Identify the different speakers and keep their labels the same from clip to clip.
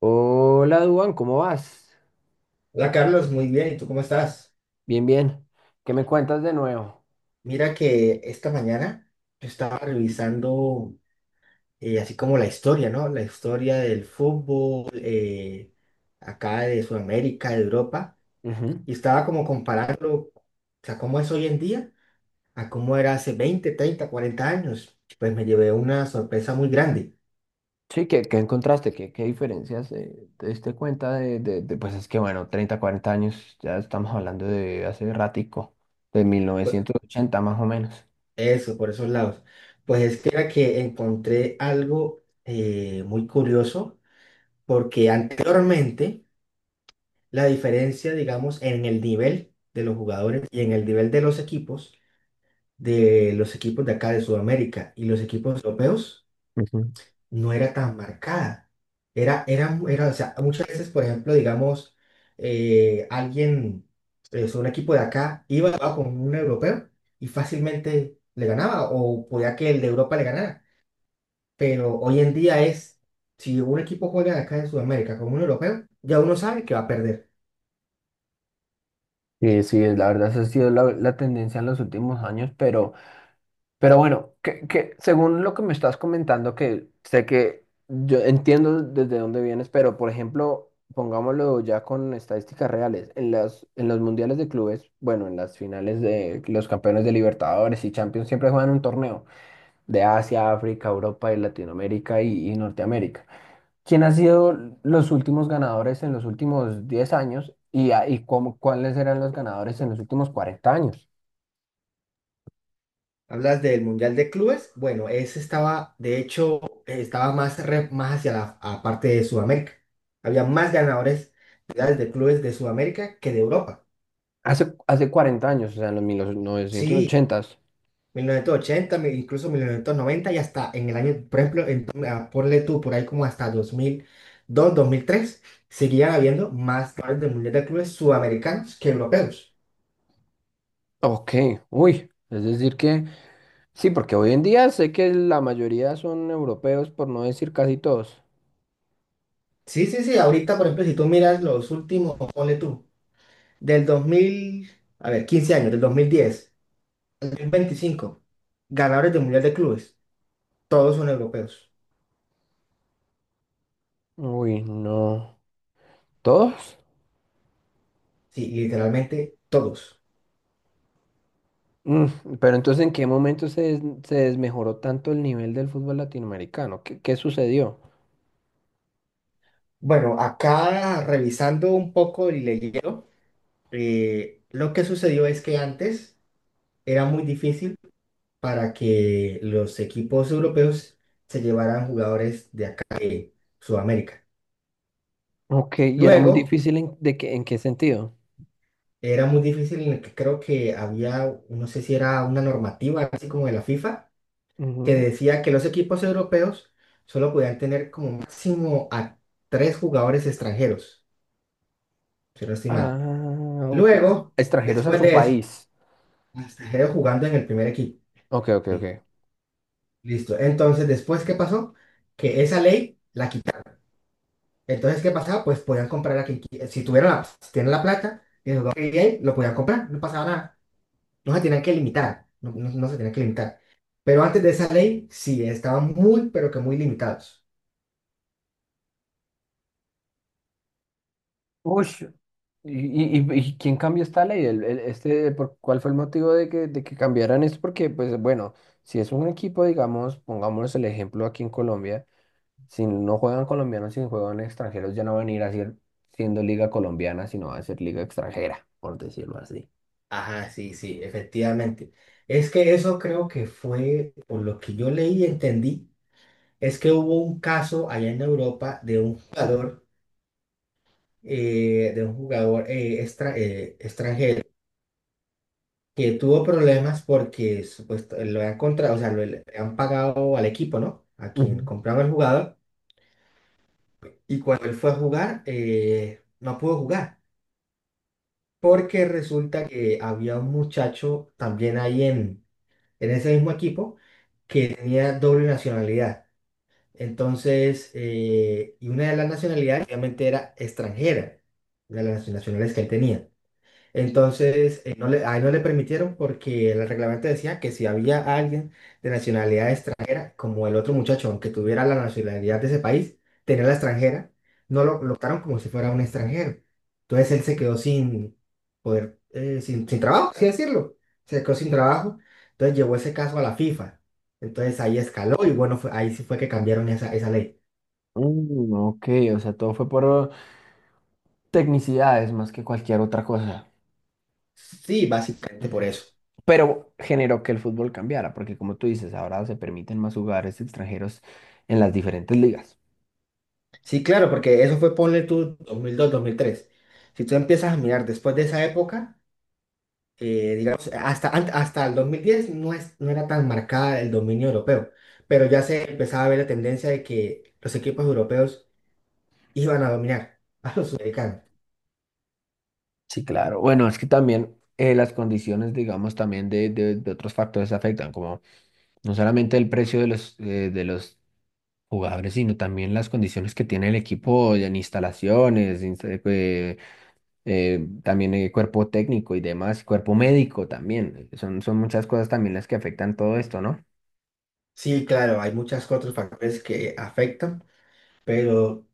Speaker 1: Hola, Duan, ¿cómo vas?
Speaker 2: Hola Carlos, muy bien. ¿Y tú cómo estás?
Speaker 1: Bien, bien. ¿Qué me cuentas de nuevo?
Speaker 2: Mira que esta mañana yo estaba revisando así como la historia, ¿no? La historia del fútbol, acá de Sudamérica, de Europa,
Speaker 1: Ujú.
Speaker 2: y estaba como comparando, o sea, cómo es hoy en día a cómo era hace 20, 30, 40 años. Pues me llevé una sorpresa muy grande.
Speaker 1: Sí, ¿qué, qué encontraste? ¿Qué, qué diferencias te diste cuenta Pues es que, bueno, 30, 40 años, ya estamos hablando de hace ratico, de mil
Speaker 2: Pues
Speaker 1: novecientos ochenta más o menos.
Speaker 2: eso, por esos lados. Pues es que era que encontré algo muy curioso, porque anteriormente la diferencia, digamos, en el nivel de los jugadores y en el nivel de los equipos, de los equipos de acá de Sudamérica y los equipos europeos,
Speaker 1: Ujú.
Speaker 2: no era tan marcada. Era, o sea, muchas veces, por ejemplo, digamos, eh, alguien, o sea, un equipo de acá iba a jugar con un europeo y fácilmente le ganaba o podía que el de Europa le ganara. Pero hoy en día es, si un equipo juega de acá de Sudamérica con un europeo, ya uno sabe que va a perder.
Speaker 1: Sí, sí, la verdad esa ha sido la tendencia en los últimos años, pero bueno, que según lo que me estás comentando, que sé que yo entiendo desde dónde vienes, pero por ejemplo, pongámoslo ya con estadísticas reales, en en los mundiales de clubes, bueno, en las finales de los campeones de Libertadores y Champions siempre juegan un torneo de Asia, África, Europa y Latinoamérica y Norteamérica. ¿Quién ha sido los últimos ganadores en los últimos 10 años y, y cómo, cuáles eran los ganadores en los últimos 40 años?
Speaker 2: Hablas del Mundial de Clubes. Bueno, ese estaba, de hecho, estaba más, más hacia la a parte de Sudamérica. Había más ganadores mundiales de clubes de Sudamérica que de Europa.
Speaker 1: Hace 40 años, o sea, en los mil no, novecientos
Speaker 2: Sí,
Speaker 1: ochentas.
Speaker 2: 1980, incluso 1990 y hasta en el año, por ejemplo, en, ah, ponle tú por ahí como hasta 2000 dos, dos mil tres seguían habiendo más ganadores del Mundial de Clubes sudamericanos que europeos.
Speaker 1: Ok, uy. Es decir que, sí, porque hoy en día sé que la mayoría son europeos, por no decir casi todos.
Speaker 2: Sí, sí, sí. Ahorita, por ejemplo, si tú miras los últimos, ponle tú, del 2000, a ver, 15 años, del 2010 25 ganadores de Mundial de Clubes, todos son europeos.
Speaker 1: Uy, no. ¿Todos?
Speaker 2: Sí, literalmente todos.
Speaker 1: Mm, pero entonces, ¿en qué momento se desmejoró tanto el nivel del fútbol latinoamericano? ¿Qué, qué sucedió?
Speaker 2: Bueno, acá revisando un poco y leyendo, lo que sucedió es que antes era muy difícil para que los equipos europeos se llevaran jugadores de acá de Sudamérica.
Speaker 1: Ok, y era muy
Speaker 2: Luego
Speaker 1: difícil de que, ¿en qué sentido?
Speaker 2: era muy difícil en el que creo que había, no sé si era una normativa así como de la FIFA que
Speaker 1: Ujú.
Speaker 2: decía que los equipos europeos solo podían tener como máximo a tres jugadores extranjeros, si no estoy mal.
Speaker 1: Ah, ok.
Speaker 2: Luego,
Speaker 1: Extranjeros a
Speaker 2: después
Speaker 1: su
Speaker 2: de eso,
Speaker 1: país.
Speaker 2: extranjeros jugando en el primer equipo.
Speaker 1: Ok, ok, ok.
Speaker 2: Sí, listo. Entonces, después, ¿qué pasó? Que esa ley la quitaron. Entonces, ¿qué pasaba? Pues podían comprar a quien si tuvieron la, si tienen la plata, bien, lo podían comprar, no pasaba nada. No se tenían que limitar, no, no se tenían que limitar. Pero antes de esa ley, sí, estaban muy, pero que muy limitados.
Speaker 1: Uy, ¿y, y quién cambió esta ley? ¿Cuál fue el motivo de de que cambiaran esto? Porque, pues bueno, si es un equipo, digamos, pongámonos el ejemplo aquí en Colombia, si no juegan colombianos, si juegan extranjeros, ya no van a ir a ser, siendo liga colombiana, sino va a ser liga extranjera, por decirlo así.
Speaker 2: Ajá, sí, sí, efectivamente. Es que eso creo que fue, por lo que yo leí y entendí, es que hubo un caso allá en Europa de un jugador extranjero que tuvo problemas porque supuesto, lo han contratado, o sea, le han pagado al equipo, ¿no? A
Speaker 1: Ujú.
Speaker 2: quien compraba el jugador. Y cuando él fue a jugar, no pudo jugar, porque resulta que había un muchacho también ahí en ese mismo equipo que tenía doble nacionalidad. Entonces, y una de las nacionalidades obviamente era extranjera, una de las nacionalidades que él tenía. Entonces, no le, ahí no le permitieron porque el reglamento decía que si había alguien de nacionalidad extranjera, como el otro muchacho, aunque tuviera la nacionalidad de ese país, tenía la extranjera, no lo colocaron como si fuera un extranjero. Entonces él se quedó sin poder, sin, sin trabajo, así decirlo. Se quedó sin trabajo. Entonces llevó ese caso a la FIFA. Entonces ahí escaló y bueno, ahí sí fue que cambiaron esa, esa ley.
Speaker 1: Mm, ok, o sea, todo fue por tecnicidades más que cualquier otra cosa.
Speaker 2: Sí, básicamente por
Speaker 1: Ujú.
Speaker 2: eso.
Speaker 1: Pero generó que el fútbol cambiara, porque como tú dices, ahora se permiten más jugadores extranjeros en las diferentes ligas.
Speaker 2: Sí, claro, porque eso fue, ponle tú, 2002, dos mil tres. Si tú empiezas a mirar después de esa época, digamos, hasta, hasta el 2010 no, es, no era tan marcada el dominio europeo, pero ya se empezaba a ver la tendencia de que los equipos europeos iban a dominar a los sudamericanos.
Speaker 1: Sí, claro. Bueno, es que también las condiciones, digamos, también de otros factores afectan, como no solamente el precio de los jugadores, sino también las condiciones que tiene el equipo en instalaciones, también el cuerpo técnico y demás, cuerpo médico también. Son, son muchas cosas también las que afectan todo esto, ¿no?
Speaker 2: Sí, claro, hay muchos otros factores que afectan, pero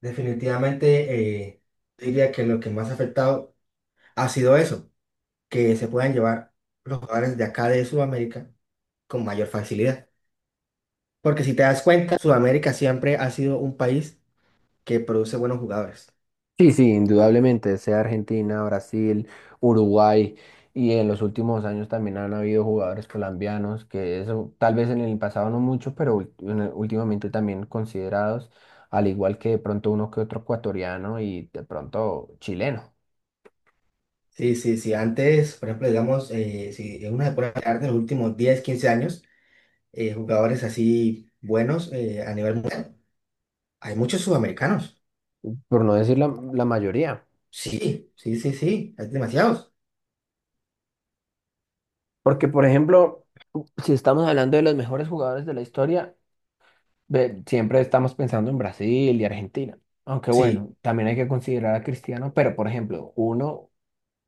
Speaker 2: definitivamente, diría que lo que más ha afectado ha sido eso, que se puedan llevar los jugadores de acá de Sudamérica con mayor facilidad. Porque si te das cuenta, Sudamérica siempre ha sido un país que produce buenos jugadores.
Speaker 1: Sí, sí, indudablemente, sea Argentina, Brasil, Uruguay, y en los últimos años también han habido jugadores colombianos que eso tal vez en el pasado no mucho, pero últimamente también considerados, al igual que de pronto uno que otro ecuatoriano y de pronto chileno,
Speaker 2: Sí, sí, sí. Antes, por ejemplo, digamos, si uno una pone a de los últimos diez, 15 años, jugadores así buenos, a nivel mundial, hay muchos sudamericanos.
Speaker 1: por no decir la mayoría.
Speaker 2: Sí, sí, sí, sí. Hay demasiados.
Speaker 1: Porque, por ejemplo, si estamos hablando de los mejores jugadores de la historia, siempre estamos pensando en Brasil y Argentina. Aunque
Speaker 2: Sí,
Speaker 1: bueno, también hay que considerar a Cristiano, pero por ejemplo, uno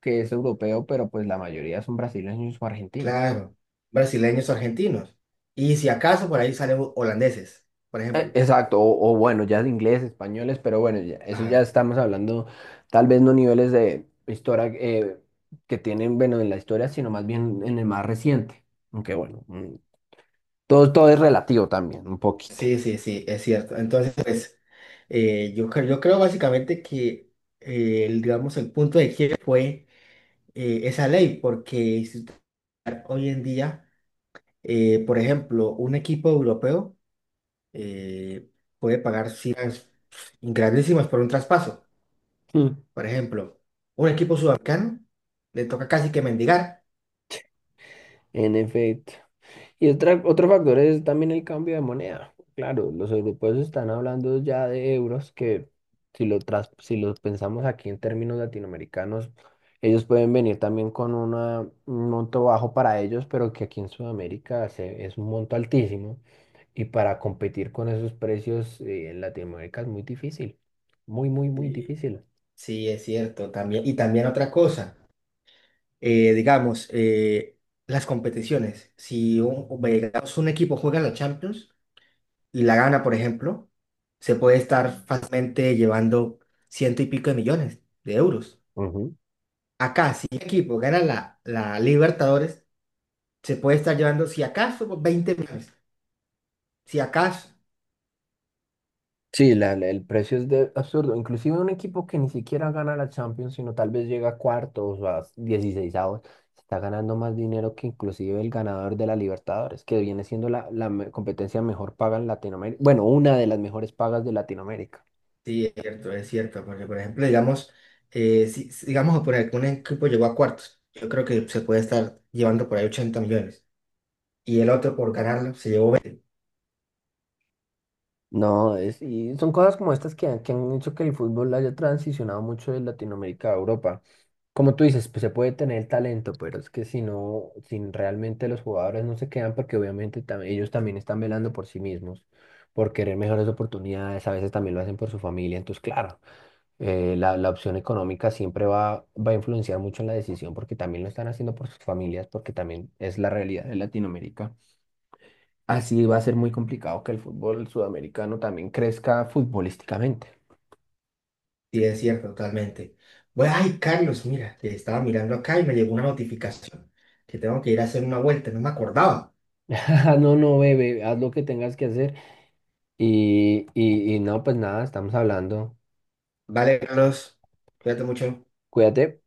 Speaker 1: que es europeo, pero pues la mayoría son brasileños o argentinos.
Speaker 2: claro. Brasileños, argentinos. Y si acaso por ahí salen holandeses, por ejemplo.
Speaker 1: Exacto, o bueno, ya de inglés, españoles, pero bueno, eso ya
Speaker 2: Ajá.
Speaker 1: estamos hablando, tal vez no niveles de historia que tienen, bueno, en la historia, sino más bien en el más reciente. Aunque bueno, todo, todo es relativo también, un poquito.
Speaker 2: Sí, sí, sí, es cierto. Entonces, pues, yo creo básicamente que el, digamos, el punto de quiebre fue, esa ley, porque si usted hoy en día, por ejemplo, un equipo europeo eh, puede pagar cifras grandísimas por un traspaso.
Speaker 1: Mm.
Speaker 2: Por ejemplo, un equipo sudamericano le toca casi que mendigar.
Speaker 1: En efecto. Y otra, otro factor es también el cambio de moneda. Claro, los europeos están hablando ya de euros que si los pensamos aquí en términos latinoamericanos, ellos pueden venir también con un monto bajo para ellos, pero que aquí en Sudamérica es un monto altísimo. Y para competir con esos precios en Latinoamérica es muy difícil. Muy, muy, muy
Speaker 2: Sí,
Speaker 1: difícil.
Speaker 2: sí, es cierto. También, y también otra cosa, digamos, las competiciones. Si un, digamos, un equipo juega la Champions, y la gana, por ejemplo, se puede estar fácilmente llevando ciento y pico de millones de euros. Acá, si un equipo gana la, la Libertadores, se puede estar llevando, si acaso, pues, 20 millones. Si acaso,
Speaker 1: Sí, el precio es de absurdo. Inclusive un equipo que ni siquiera gana la Champions, sino tal vez llega a cuartos o a 16 está ganando más dinero que inclusive el ganador de la Libertadores, que viene siendo competencia mejor paga en Latinoamérica. Bueno, una de las mejores pagas de Latinoamérica.
Speaker 2: sí, es cierto, porque por ejemplo, digamos, digamos, por ejemplo, un equipo llegó a cuartos, yo creo que se puede estar llevando por ahí 80 millones. Y el otro por ganarlo se llevó.
Speaker 1: No, es, y son cosas como estas que han hecho que el fútbol haya transicionado mucho de Latinoamérica a Europa. Como tú dices, pues se puede tener el talento, pero es que si no, si realmente los jugadores no se quedan, porque obviamente ellos también están velando por sí mismos, por querer mejores oportunidades, a veces también lo hacen por su familia, entonces claro, la opción económica siempre va a influenciar mucho en la decisión, porque también lo están haciendo por sus familias, porque también es la realidad de Latinoamérica. Así va a ser muy complicado que el fútbol sudamericano también crezca futbolísticamente.
Speaker 2: Sí, es cierto, totalmente. Bueno, ay, Carlos, mira, que estaba mirando acá y me llegó una notificación que tengo que ir a hacer una vuelta, no me acordaba.
Speaker 1: No, no, bebé, haz lo que tengas que hacer. Y no, pues nada, estamos hablando.
Speaker 2: Vale, Carlos, cuídate mucho.
Speaker 1: Cuídate.